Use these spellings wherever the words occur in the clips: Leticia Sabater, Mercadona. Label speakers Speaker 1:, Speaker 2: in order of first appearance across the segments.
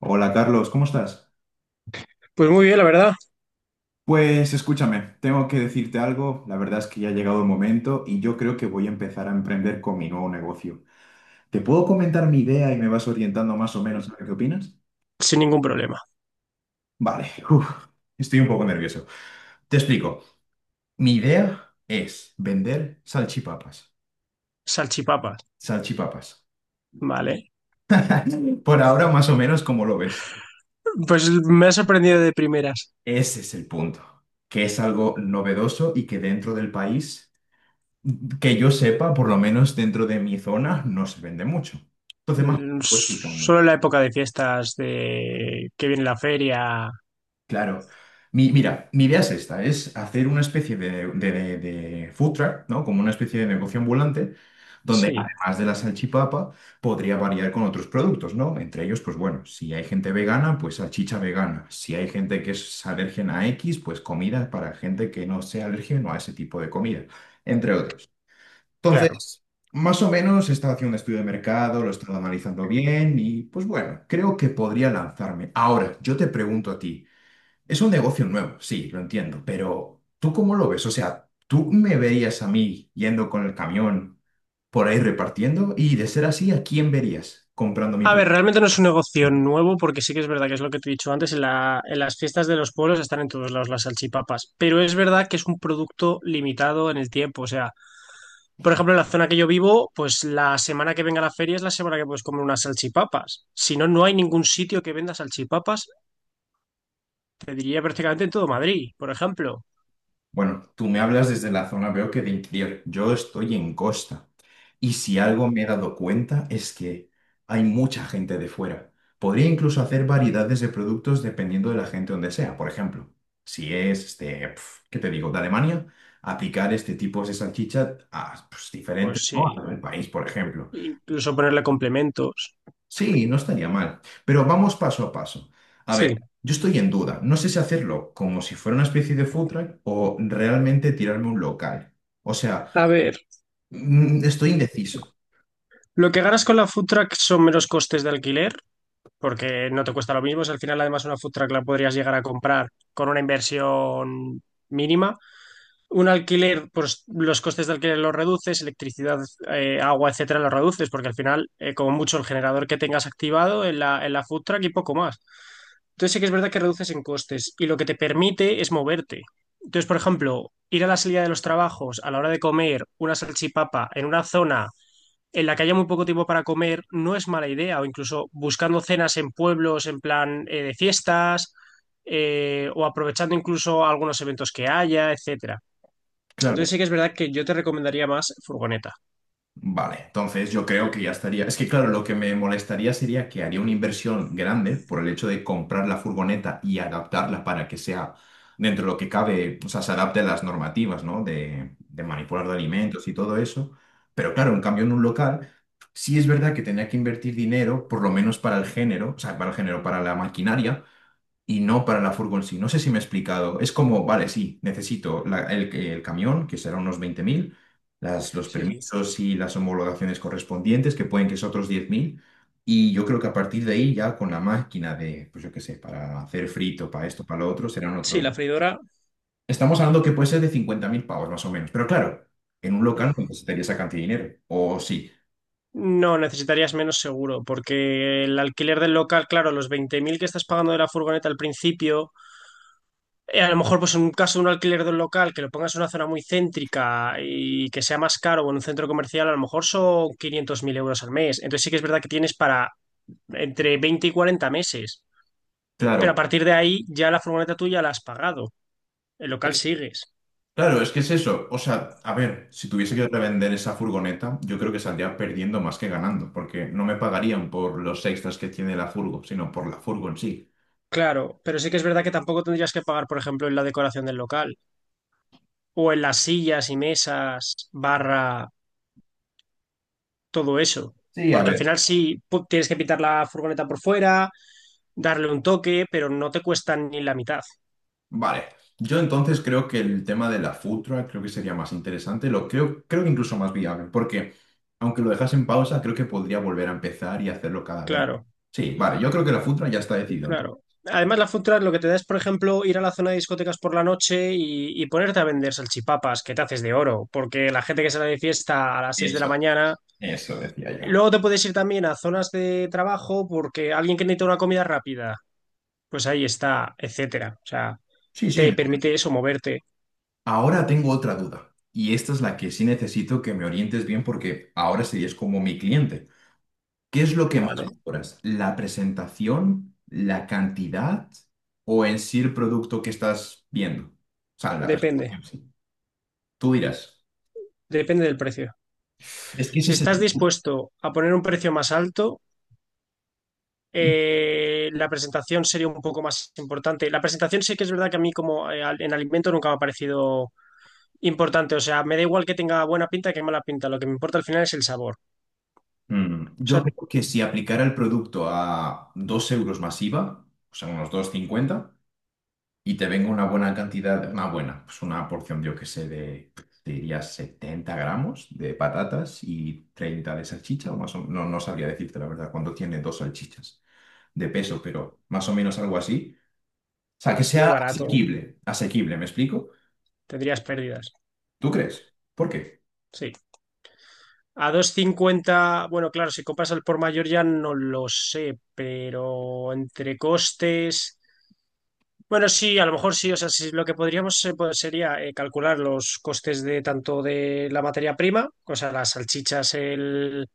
Speaker 1: Hola Carlos, ¿cómo estás?
Speaker 2: Pues muy bien, la verdad,
Speaker 1: Pues escúchame, tengo que decirte algo, la verdad es que ya ha llegado el momento y yo creo que voy a empezar a emprender con mi nuevo negocio. ¿Te puedo comentar mi idea y me vas orientando más o menos a ver qué opinas?
Speaker 2: sin ningún problema.
Speaker 1: Vale, estoy un poco nervioso. Te explico, mi idea es vender salchipapas.
Speaker 2: Salchipapas,
Speaker 1: Salchipapas.
Speaker 2: vale.
Speaker 1: Por ahora más o menos como lo ves.
Speaker 2: Pues me ha sorprendido de primeras.
Speaker 1: Ese es el punto, que es algo novedoso y que dentro del país. Que yo sepa, por lo menos dentro de mi zona, no se vende mucho. Entonces, más o menos te voy explicando.
Speaker 2: Solo en la época de fiestas, de que viene la feria.
Speaker 1: Claro. Mira, mi idea es esta, es hacer una especie de food truck, ¿no? Como una especie de negocio ambulante, donde
Speaker 2: Sí,
Speaker 1: además de la salchipapa, podría variar con otros productos, ¿no? Entre ellos, pues bueno, si hay gente vegana, pues salchicha vegana. Si hay gente que es alérgena a X, pues comida para gente que no sea alérgena a ese tipo de comida, entre otros.
Speaker 2: claro.
Speaker 1: Entonces, más o menos he estado haciendo un estudio de mercado, lo he estado analizando bien y pues bueno, creo que podría lanzarme. Ahora, yo te pregunto a ti, es un negocio nuevo, sí, lo entiendo, pero ¿tú cómo lo ves? O sea, ¿tú me verías a mí yendo con el camión por ahí repartiendo? Y de ser así, ¿a quién verías comprando mi?
Speaker 2: A ver, realmente no es un negocio nuevo, porque sí que es verdad que es lo que te he dicho antes, en las fiestas de los pueblos están en todos lados las salchipapas, pero es verdad que es un producto limitado en el tiempo. O sea, por ejemplo, en la zona que yo vivo, pues la semana que venga la feria es la semana que puedes comer unas salchipapas. Si no, no hay ningún sitio que venda salchipapas te diría prácticamente en todo Madrid, por ejemplo.
Speaker 1: Bueno, tú me hablas desde la zona, veo que de interior. Yo estoy en costa. Y si algo me he dado cuenta es que hay mucha gente de fuera. Podría incluso hacer variedades de productos dependiendo de la gente donde sea. Por ejemplo, si es, este, pf, ¿qué te digo?, de Alemania, aplicar este tipo de salchicha a pues,
Speaker 2: Pues
Speaker 1: diferentes, ¿no?
Speaker 2: sí,
Speaker 1: Al país, por ejemplo.
Speaker 2: incluso ponerle complementos.
Speaker 1: Sí, no estaría mal. Pero vamos paso a paso. A ver,
Speaker 2: Sí.
Speaker 1: yo estoy en duda. No sé si hacerlo como si fuera una especie de food truck o realmente tirarme un local. O sea,
Speaker 2: A ver,
Speaker 1: estoy indeciso.
Speaker 2: lo que ganas con la food truck son menos costes de alquiler, porque no te cuesta lo mismo. Si al final, además, una food truck la podrías llegar a comprar con una inversión mínima. Un alquiler, pues los costes de alquiler los reduces, electricidad, agua, etcétera, los reduces, porque al final, como mucho, el generador que tengas activado en la food truck y poco más. Entonces sí que es verdad que reduces en costes y lo que te permite es moverte. Entonces, por ejemplo, ir a la salida de los trabajos a la hora de comer una salchipapa en una zona en la que haya muy poco tiempo para comer no es mala idea, o incluso buscando cenas en pueblos en plan de fiestas, o aprovechando incluso algunos eventos que haya, etcétera. Entonces
Speaker 1: Claro.
Speaker 2: sí que es verdad que yo te recomendaría más furgoneta.
Speaker 1: Vale, entonces yo creo que ya estaría. Es que claro, lo que me molestaría sería que haría una inversión grande por el hecho de comprar la furgoneta y adaptarla para que sea dentro de lo que cabe, o sea, se adapte a las normativas, ¿no? De manipular de alimentos y todo eso. Pero claro, en cambio en un local, sí es verdad que tenía que invertir dinero, por lo menos para el género, o sea, para el género, para la maquinaria, y no para la furgo en sí. No sé si me he explicado. Es como, vale, sí, necesito el camión, que será unos 20.000, las, los
Speaker 2: Sí,
Speaker 1: permisos y las homologaciones correspondientes, que pueden que es otros 10.000. Y yo creo que a partir de ahí, ya con la máquina de, pues yo qué sé, para hacer frito, para esto, para lo otro, serán
Speaker 2: sí,
Speaker 1: otros.
Speaker 2: la freidora.
Speaker 1: Estamos hablando que puede ser de 50.000 pavos, más o menos. Pero claro, en un local no necesitaría esa cantidad de dinero. O sí,
Speaker 2: No, necesitarías menos seguro, porque el alquiler del local, claro, los 20.000 que estás pagando de la furgoneta al principio, a lo mejor pues en un caso de un alquiler de un local que lo pongas en una zona muy céntrica y que sea más caro o en un centro comercial, a lo mejor son 500.000 euros al mes. Entonces sí que es verdad que tienes para entre 20 y 40 meses, pero a
Speaker 1: claro.
Speaker 2: partir de ahí ya la furgoneta tuya la has pagado, el local sigues.
Speaker 1: Claro, es que es eso. O sea, a ver, si tuviese que revender esa furgoneta, yo creo que saldría perdiendo más que ganando, porque no me pagarían por los extras que tiene la furgo, sino por la furgo en sí.
Speaker 2: Claro, pero sí que es verdad que tampoco tendrías que pagar, por ejemplo, en la decoración del local o en las sillas y mesas, barra todo eso.
Speaker 1: Sí, a
Speaker 2: Porque al
Speaker 1: ver.
Speaker 2: final sí tienes que pintar la furgoneta por fuera, darle un toque, pero no te cuesta ni la mitad.
Speaker 1: Vale. Yo entonces creo que el tema de la food truck creo que sería más interesante, lo creo, creo que incluso más viable, porque aunque lo dejas en pausa, creo que podría volver a empezar y hacerlo cada verano.
Speaker 2: Claro,
Speaker 1: Sí, vale, yo creo que la food truck ya está decidido entonces.
Speaker 2: claro. Además, la food truck lo que te da es, por ejemplo, ir a la zona de discotecas por la noche y ponerte a vender salchipapas, que te haces de oro, porque la gente que sale de fiesta a las 6 de la
Speaker 1: Eso,
Speaker 2: mañana.
Speaker 1: eso decía yo.
Speaker 2: Luego te puedes ir también a zonas de trabajo porque alguien que necesita una comida rápida, pues ahí está, etcétera. O sea,
Speaker 1: Sí, sí.
Speaker 2: te permite eso moverte.
Speaker 1: Ahora tengo otra duda, y esta es la que sí necesito que me orientes bien porque ahora serías como mi cliente. ¿Qué es lo que más
Speaker 2: Vale,
Speaker 1: valoras? ¿La presentación, la cantidad o en sí el producto que estás viendo? O sea, la
Speaker 2: depende,
Speaker 1: presentación, sí. Tú dirás.
Speaker 2: depende del precio.
Speaker 1: Es que ese
Speaker 2: Si
Speaker 1: es
Speaker 2: estás dispuesto a poner un precio más alto, la presentación sería un poco más importante. La presentación sí que es verdad que a mí como en alimento nunca me ha parecido importante. O sea, me da igual que tenga buena pinta que mala pinta. Lo que me importa al final es el sabor. O
Speaker 1: Yo
Speaker 2: sea,
Speaker 1: creo que si aplicara el producto a 2 euros más IVA, o sea, unos dos cincuenta. Y te venga una buena cantidad, una buena, pues una porción, yo que sé, de, te diría 70 gramos de patatas y 30 de salchicha, o más o menos, no, no sabría decirte la verdad cuánto tiene dos salchichas de peso, pero más o menos algo así. O sea, que
Speaker 2: muy
Speaker 1: sea
Speaker 2: barato.
Speaker 1: asequible, asequible, ¿me explico?
Speaker 2: Tendrías pérdidas.
Speaker 1: ¿Tú crees? ¿Por qué?
Speaker 2: Sí. A dos cincuenta, bueno, claro, si compras al por mayor ya no lo sé, pero entre costes. Bueno, sí, a lo mejor sí. O sea, sí, lo que podríamos pues, sería calcular los costes de tanto de la materia prima, o sea, las salchichas el,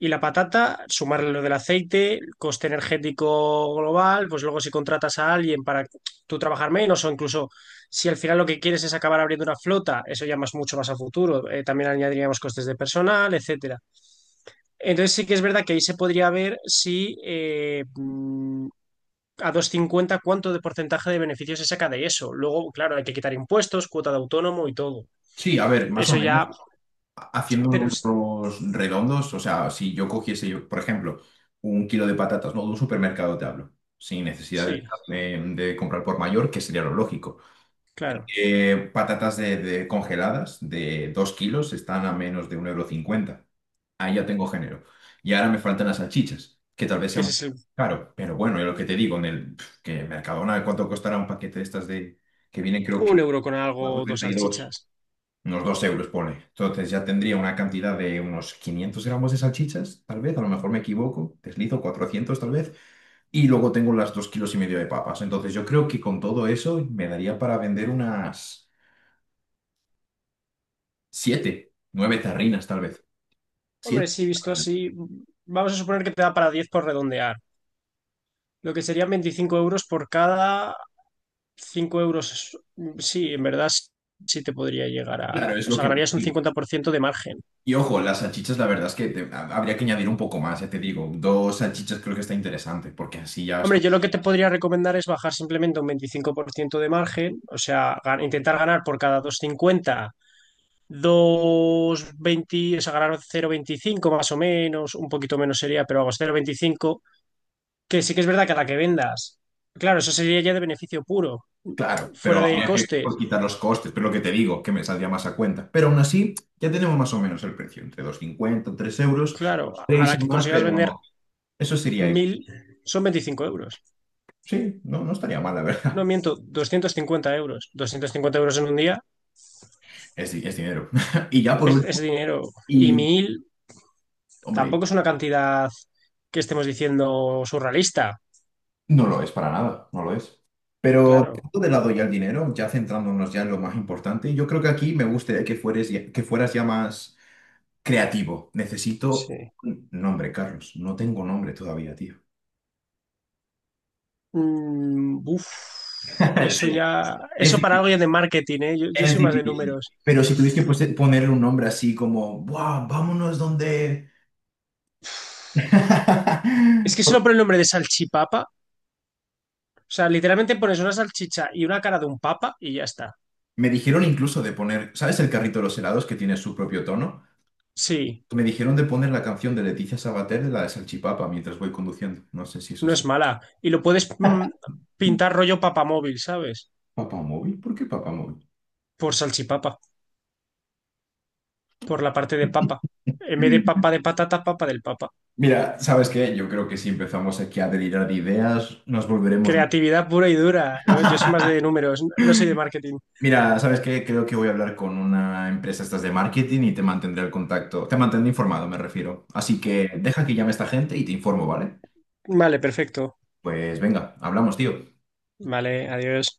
Speaker 2: y la patata, sumarle lo del aceite, el coste energético global, pues luego si contratas a alguien para tú trabajar menos o incluso si al final lo que quieres es acabar abriendo una flota, eso ya más mucho más a futuro. También añadiríamos costes de personal, etcétera. Entonces sí que es verdad que ahí se podría ver si a 2,50 ¿cuánto de porcentaje de beneficio se saca de eso? Luego, claro, hay que quitar impuestos, cuota de autónomo y todo.
Speaker 1: Sí, a ver, más o
Speaker 2: Eso
Speaker 1: menos,
Speaker 2: ya,
Speaker 1: haciendo
Speaker 2: pero
Speaker 1: números redondos, o sea, si yo cogiese, yo, por ejemplo, un kilo de patatas, no, de un supermercado te hablo, sin necesidad de
Speaker 2: sí,
Speaker 1: de, comprar por mayor, que sería lo lógico.
Speaker 2: claro,
Speaker 1: Patatas de congeladas de 2 kilos están a menos de un euro cincuenta. Ahí ya tengo género. Y ahora me faltan las salchichas, que tal vez sea
Speaker 2: que ese
Speaker 1: un
Speaker 2: es
Speaker 1: poco
Speaker 2: el,
Speaker 1: caro. Pero bueno, es lo que te digo, en el pf, que Mercadona, ¿cuánto costará un paquete de estas de que vienen creo
Speaker 2: un
Speaker 1: que
Speaker 2: euro con algo, dos
Speaker 1: 4,32?
Speaker 2: salchichas.
Speaker 1: Unos 2 euros, pone. Entonces ya tendría una cantidad de unos 500 gramos de salchichas, tal vez, a lo mejor me equivoco, deslizo 400 tal vez, y luego tengo las 2 kilos y medio de papas. Entonces yo creo que con todo eso me daría para vender unas... Siete, nueve tarrinas tal vez.
Speaker 2: Hombre,
Speaker 1: Siete
Speaker 2: sí, visto
Speaker 1: tarrinas.
Speaker 2: así, vamos a suponer que te da para 10 por redondear. Lo que serían 25 euros por cada 5 euros. Sí, en verdad sí te podría llegar a...
Speaker 1: Claro, es
Speaker 2: O
Speaker 1: lo
Speaker 2: sea,
Speaker 1: que te
Speaker 2: ganarías un
Speaker 1: digo.
Speaker 2: 50% de margen.
Speaker 1: Y ojo, las salchichas, la verdad es que habría que añadir un poco más, ya te digo. Dos salchichas creo que está interesante, porque así ya es
Speaker 2: Hombre,
Speaker 1: como...
Speaker 2: yo lo que te podría recomendar es bajar simplemente un 25% de margen, o sea, intentar ganar por cada 2,50, 2,20, o sea, ganar 0,25 más o menos, un poquito menos sería, pero vamos, 0,25. Que sí que es verdad que a la que vendas, claro, eso sería ya de beneficio puro,
Speaker 1: Claro, pero
Speaker 2: fuera de
Speaker 1: habría que
Speaker 2: costes,
Speaker 1: quitar los costes, pero lo que te digo, que me saldría más a cuenta. Pero aún así, ya tenemos más o menos el precio, entre dos cincuenta tres euros,
Speaker 2: claro, a
Speaker 1: 6
Speaker 2: la que
Speaker 1: más,
Speaker 2: consigas
Speaker 1: pero
Speaker 2: vender
Speaker 1: no. Eso sería bien.
Speaker 2: 1.000, son 25 euros.
Speaker 1: Sí, no, no estaría mal, la
Speaker 2: No
Speaker 1: verdad.
Speaker 2: miento, 250 euros, 250 euros en un día
Speaker 1: Es, es dinero. Y ya por
Speaker 2: es
Speaker 1: último,
Speaker 2: dinero y
Speaker 1: y
Speaker 2: 1.000.
Speaker 1: hombre,
Speaker 2: Tampoco es una cantidad que estemos diciendo surrealista,
Speaker 1: no lo es para nada, no lo es.
Speaker 2: claro.
Speaker 1: Dejando de lado ya el dinero, ya centrándonos ya en lo más importante, yo creo que aquí me gustaría que que fueras ya más creativo. Necesito
Speaker 2: Sí.
Speaker 1: un nombre, Carlos. No tengo nombre todavía, tío.
Speaker 2: Mm, uf, eso
Speaker 1: Ya
Speaker 2: ya,
Speaker 1: es
Speaker 2: eso para
Speaker 1: difícil,
Speaker 2: algo ya de marketing, ¿eh? Yo
Speaker 1: es
Speaker 2: soy más de
Speaker 1: difícil.
Speaker 2: números.
Speaker 1: Pero si tuviste que ponerle un nombre así como, ¡buah! Vámonos donde.
Speaker 2: Es que solo por el nombre de salchipapa, o sea, literalmente pones una salchicha y una cara de un papa y ya está.
Speaker 1: Me dijeron incluso de poner, ¿sabes el carrito de los helados que tiene su propio tono?
Speaker 2: Sí,
Speaker 1: Me dijeron de poner la canción de Leticia Sabater de la de Salchipapa mientras voy conduciendo. No sé si eso
Speaker 2: no
Speaker 1: es.
Speaker 2: es mala. Y lo puedes pintar rollo papamóvil, ¿sabes?
Speaker 1: ¿Papá móvil? ¿Por qué papá móvil?
Speaker 2: Por salchipapa, por la parte de papa. En vez de papa de patata, papa del papa.
Speaker 1: Mira, ¿sabes qué? Yo creo que si empezamos aquí a delirar de ideas, nos volveremos.
Speaker 2: Creatividad pura y dura. ¿Lo ves? Yo soy más de números, no soy de marketing.
Speaker 1: Mira, ¿sabes qué? Creo que voy a hablar con una empresa estas de marketing y te mantendré el contacto. Te mantendré informado, me refiero. Así que deja que llame esta gente y te informo, ¿vale?
Speaker 2: Vale, perfecto.
Speaker 1: Pues venga, hablamos, tío.
Speaker 2: Vale, adiós.